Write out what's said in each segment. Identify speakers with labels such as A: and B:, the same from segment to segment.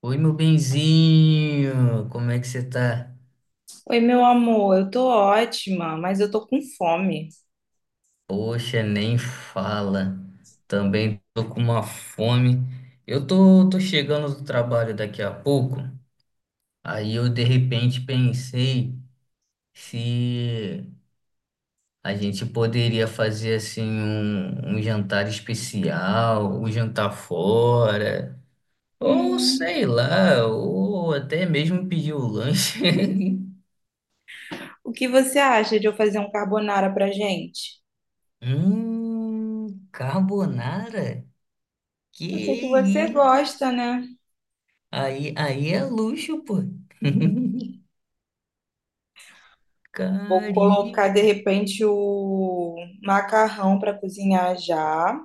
A: Oi, meu benzinho, como é que você tá?
B: Oi, meu amor, eu tô ótima, mas eu tô com fome.
A: Poxa, nem fala. Também tô com uma fome. Eu tô chegando do trabalho daqui a pouco. Aí eu de repente pensei se a gente poderia fazer assim um jantar especial, um jantar fora, ou
B: Hum,
A: sei lá, ou até mesmo pedir o lanche.
B: o que você acha de eu fazer um carbonara pra gente?
A: Carbonara? Que
B: Eu sei que você
A: isso?
B: gosta, né?
A: Aí é luxo, pô.
B: Vou
A: Cari.
B: colocar de repente o macarrão pra cozinhar já.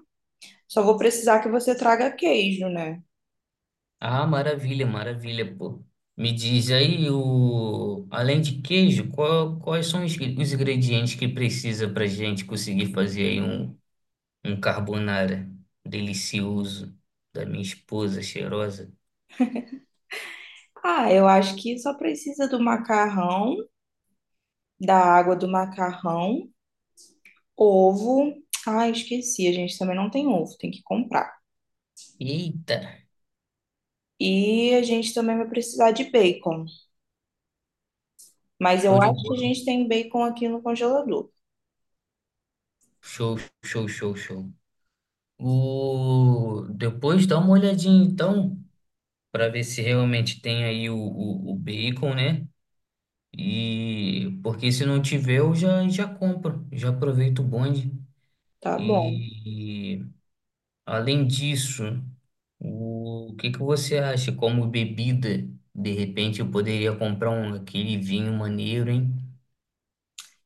B: Só vou precisar que você traga queijo, né?
A: Ah, maravilha, maravilha, pô. Me diz aí, o... além de queijo, qual- quais são os ingredientes que precisa pra gente conseguir fazer aí um carbonara delicioso da minha esposa cheirosa?
B: Ah, eu acho que só precisa do macarrão, da água do macarrão, ovo. Ah, esqueci, a gente também não tem ovo, tem que comprar.
A: Eita,
B: E a gente também vai precisar de bacon. Mas
A: show
B: eu
A: de
B: acho que a
A: bola.
B: gente tem bacon aqui no congelador.
A: Show, show, show, show. O... Depois dá uma olhadinha então para ver se realmente tem aí o bacon, né? E porque se não tiver, eu já compro, já aproveito o bonde.
B: Tá bom.
A: E, e, além disso, o, que que você acha como bebida? De repente eu poderia comprar um aquele vinho maneiro, hein?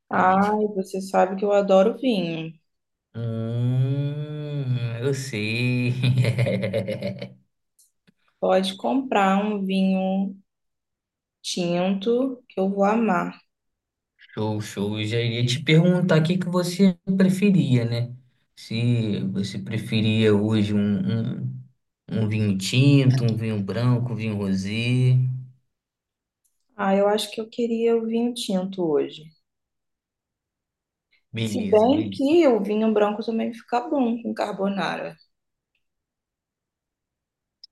A: Pra gente.
B: Ai, você sabe que eu adoro vinho.
A: Hum, eu sei.
B: Pode comprar um vinho tinto que eu vou amar.
A: Show, show. Eu já iria te perguntar o que que você preferia, né? Se você preferia hoje um vinho tinto, um vinho branco, um vinho rosé.
B: Ah, eu acho que eu queria o vinho tinto hoje. Se
A: Beleza,
B: bem
A: beleza.
B: que o vinho branco também fica bom com carbonara.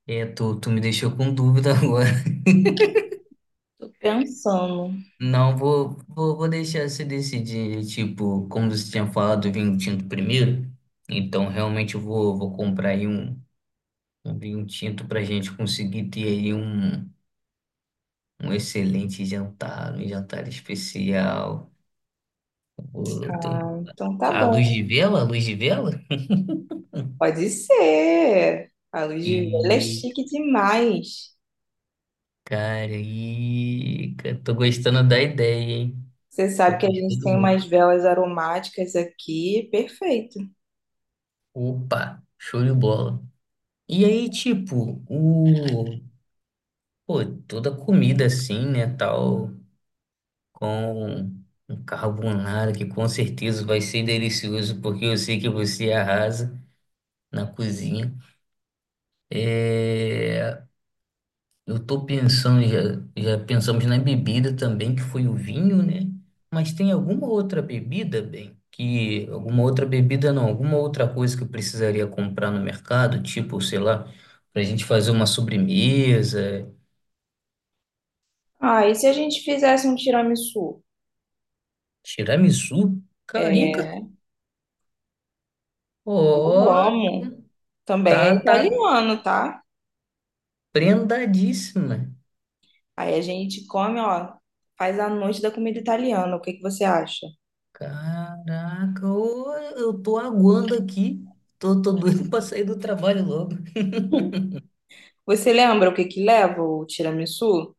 A: É, tu me deixou com dúvida agora.
B: Tô pensando.
A: Não, vou deixar você decidir, tipo, como você tinha falado, do vinho tinto primeiro. Então, realmente, eu vou comprar aí um vinho tinto pra gente conseguir ter aí um excelente jantar, um jantar especial. O- tem
B: Ah, então tá
A: a luz
B: bom.
A: de vela, a luz de vela.
B: Pode ser. A luz de vela é
A: E,
B: chique demais.
A: e cara, tô gostando da ideia, hein?
B: Você
A: Tô
B: sabe que a gente
A: gostando
B: tem umas
A: muito.
B: velas aromáticas aqui, perfeito.
A: Opa, show de bola. E aí, tipo, o, pô, toda comida assim, né, tal, com um carbonara que com certeza vai ser delicioso, porque eu sei que você arrasa na cozinha. É... Eu tô pensando, já pensamos na bebida também, que foi o vinho, né? Mas tem alguma outra bebida, bem, que alguma outra bebida não, alguma outra coisa que eu precisaria comprar no mercado, tipo, sei lá, pra gente fazer uma sobremesa,
B: Ah, e se a gente fizesse um tiramisu?
A: tiramisu, carica,
B: É,
A: ó,
B: eu amo. Também
A: tá,
B: é
A: tá
B: italiano, tá?
A: prendadíssima.
B: Aí a gente come, ó, faz a noite da comida italiana. O que que você acha?
A: Caraca, ô, eu tô aguando aqui, tô doido pra sair do trabalho logo.
B: Você lembra o que que leva o tiramisu?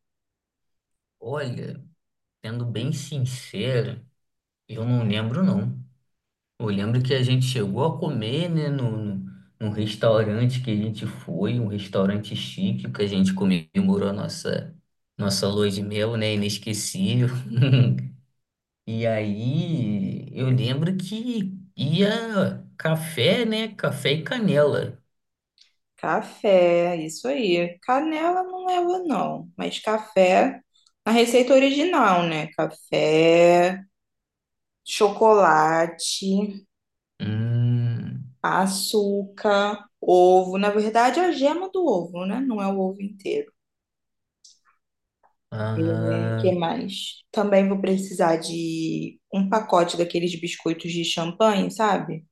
A: Olha. Sendo bem sincero, eu não lembro não. Eu lembro que a gente chegou a comer, né, no, no, num restaurante que a gente foi, um restaurante chique que a gente comemorou a nossa nossa lua de mel, né, inesquecível. E aí eu lembro que ia café, né, café e canela.
B: Café, isso aí. Canela não leva, não. Mas café, na receita original, né? Café, chocolate,
A: Hum,
B: açúcar, ovo. Na verdade, é a gema do ovo, né? Não é o ovo inteiro. É, que
A: ah,
B: mais? Também vou precisar de um pacote daqueles biscoitos de champanhe, sabe?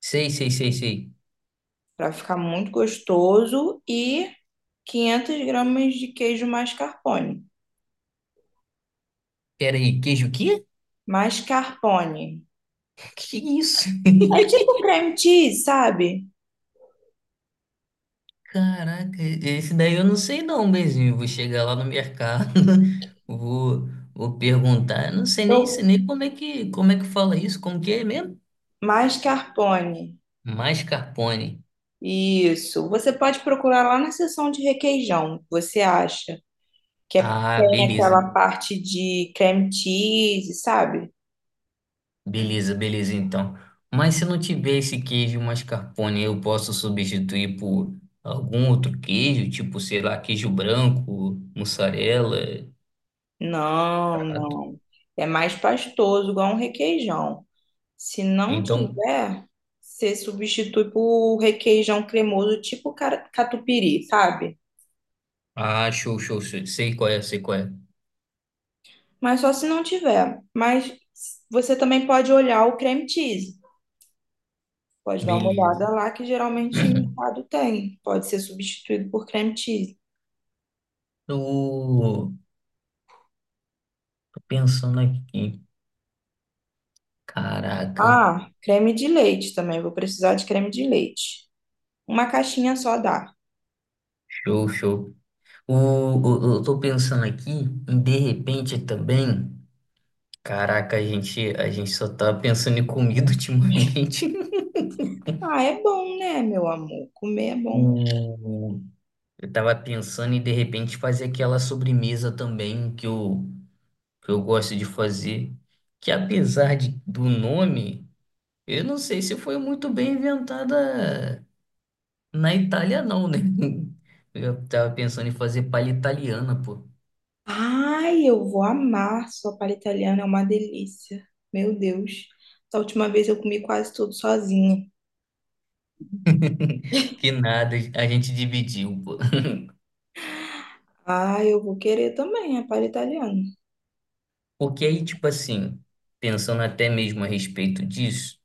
A: sei.
B: Para ficar muito gostoso e 500 gramas de queijo mascarpone.
A: Pera aí, queijo o quê?
B: Mascarpone.
A: Que isso?
B: É tipo cream cheese, sabe?
A: Caraca, esse daí eu não sei não, Bezinho. Vou chegar lá no mercado, vou, vou perguntar. Eu não sei nem,
B: Eu...
A: sei nem como é que, como é que fala isso, como que é mesmo?
B: Mascarpone.
A: Mascarpone.
B: Isso. Você pode procurar lá na seção de requeijão, você acha?
A: Ah,
B: Tem aquela parte de creme cheese, sabe?
A: beleza então. Mas se não tiver esse queijo mascarpone, eu posso substituir por algum outro queijo, tipo, sei lá, queijo branco, mussarela,
B: Não,
A: prato.
B: não. É mais pastoso, igual um requeijão. Se não
A: Então,
B: tiver, você substitui por requeijão cremoso, tipo catupiry, sabe?
A: ah, show, show, show. Sei qual é, sei qual é.
B: Mas só se não tiver. Mas você também pode olhar o creme cheese. Pode dar uma
A: Beleza.
B: olhada lá, que geralmente em mercado tem. Pode ser substituído por creme cheese.
A: O Pensando aqui, caraca,
B: Ah, creme de leite também. Vou precisar de creme de leite. Uma caixinha só dá.
A: show, show. O, eu tô pensando aqui, em de repente também, caraca, a gente só tá pensando em comida ultimamente.
B: Ah, é bom, né, meu amor? Comer é bom.
A: O, eu tava pensando em de repente fazer aquela sobremesa também que eu gosto de fazer, que apesar de, do nome, eu não sei se foi muito bem inventada na Itália, não, né? Eu tava pensando em fazer palha italiana, pô.
B: Ai, eu vou amar sopa italiana, é uma delícia. Meu Deus. Da última vez eu comi quase tudo sozinha.
A: Que nada, a gente dividiu, pô.
B: Ah, eu vou querer também, a palha italiana.
A: Porque aí, tipo assim, pensando até mesmo a respeito disso,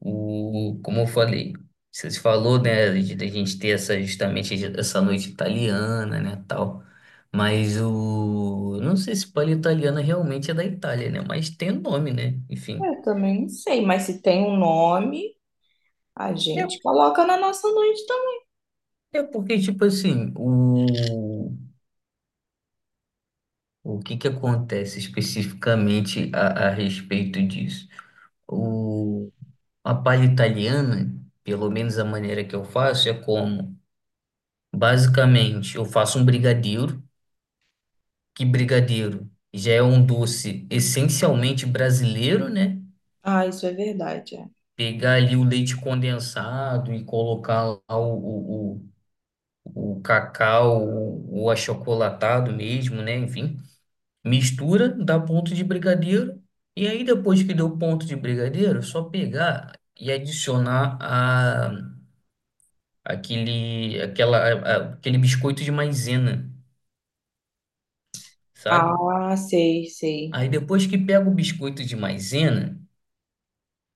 A: o, como eu falei, você falou, né, de, da gente ter essa, justamente essa noite italiana, né, tal. Mas o, não sei se palha italiana realmente é da Itália, né, mas tem o nome, né, enfim.
B: Eu também não sei, mas se tem um nome, a
A: É,
B: gente coloca na nossa noite também.
A: é porque, tipo assim, o que que acontece especificamente a respeito disso? A palha italiana, pelo menos a maneira que eu faço, é como, basicamente, eu faço um brigadeiro, que brigadeiro já é um doce essencialmente brasileiro, né?
B: Ah, isso é verdade. É.
A: Pegar ali o leite condensado e colocar lá o cacau, o achocolatado mesmo, né? Enfim, mistura, dá ponto de brigadeiro, e aí depois que deu ponto de brigadeiro, é só pegar e adicionar a aquele, aquela, a- aquele biscoito de maisena, sabe?
B: Ah, sei, sei.
A: Aí depois que pega o biscoito de maisena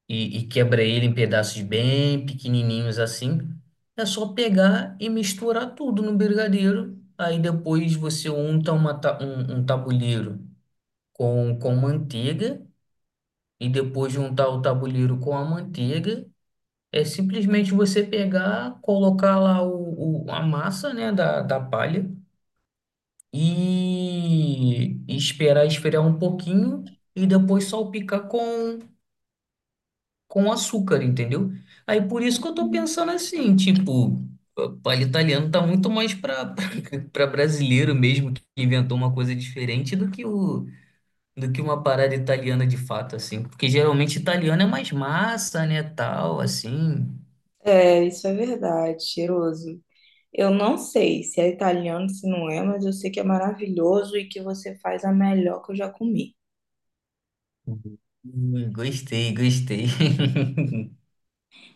A: e quebra ele em pedaços bem pequenininhos assim, é só pegar e misturar tudo no brigadeiro. Aí depois você unta uma, ta- um tabuleiro com manteiga e depois de untar o tabuleiro com a manteiga. É simplesmente você pegar, colocar lá o- a massa, né, da, da palha e esperar esfriar um pouquinho e depois salpicar com açúcar, entendeu? Aí por isso que eu tô pensando assim, tipo, palha italiano tá muito mais para para brasileiro mesmo que inventou uma coisa diferente do que o do que uma parada italiana de fato assim, porque geralmente italiano é mais massa, né, tal, assim.
B: É, isso é verdade, cheiroso. Eu não sei se é italiano, se não é, mas eu sei que é maravilhoso e que você faz a melhor que eu já comi.
A: Uhum. Gostei, gostei.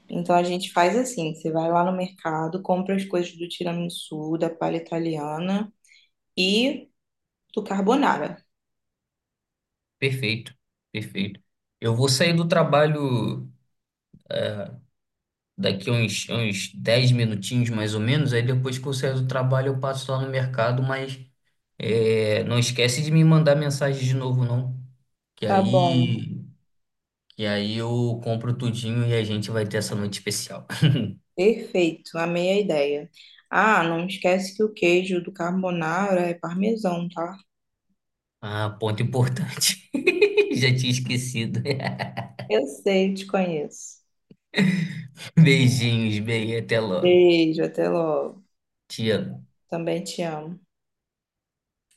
B: Então a gente faz assim, você vai lá no mercado, compra as coisas do tiramisu, da palha italiana e do carbonara.
A: Perfeito, perfeito. Eu vou sair do trabalho daqui uns 10 minutinhos mais ou menos, aí depois que eu sair do trabalho eu passo lá no mercado, mas é, não esquece de me mandar mensagem de novo, não. Que
B: Tá bom,
A: aí, que aí eu compro tudinho e a gente vai ter essa noite especial.
B: perfeito, amei a ideia. Ah, não esquece que o queijo do carbonara é parmesão, tá?
A: Ah, ponto importante. Já tinha esquecido.
B: Eu sei, te conheço.
A: Beijinhos, bem, até logo.
B: Beijo, até logo.
A: Te amo.
B: Também te amo.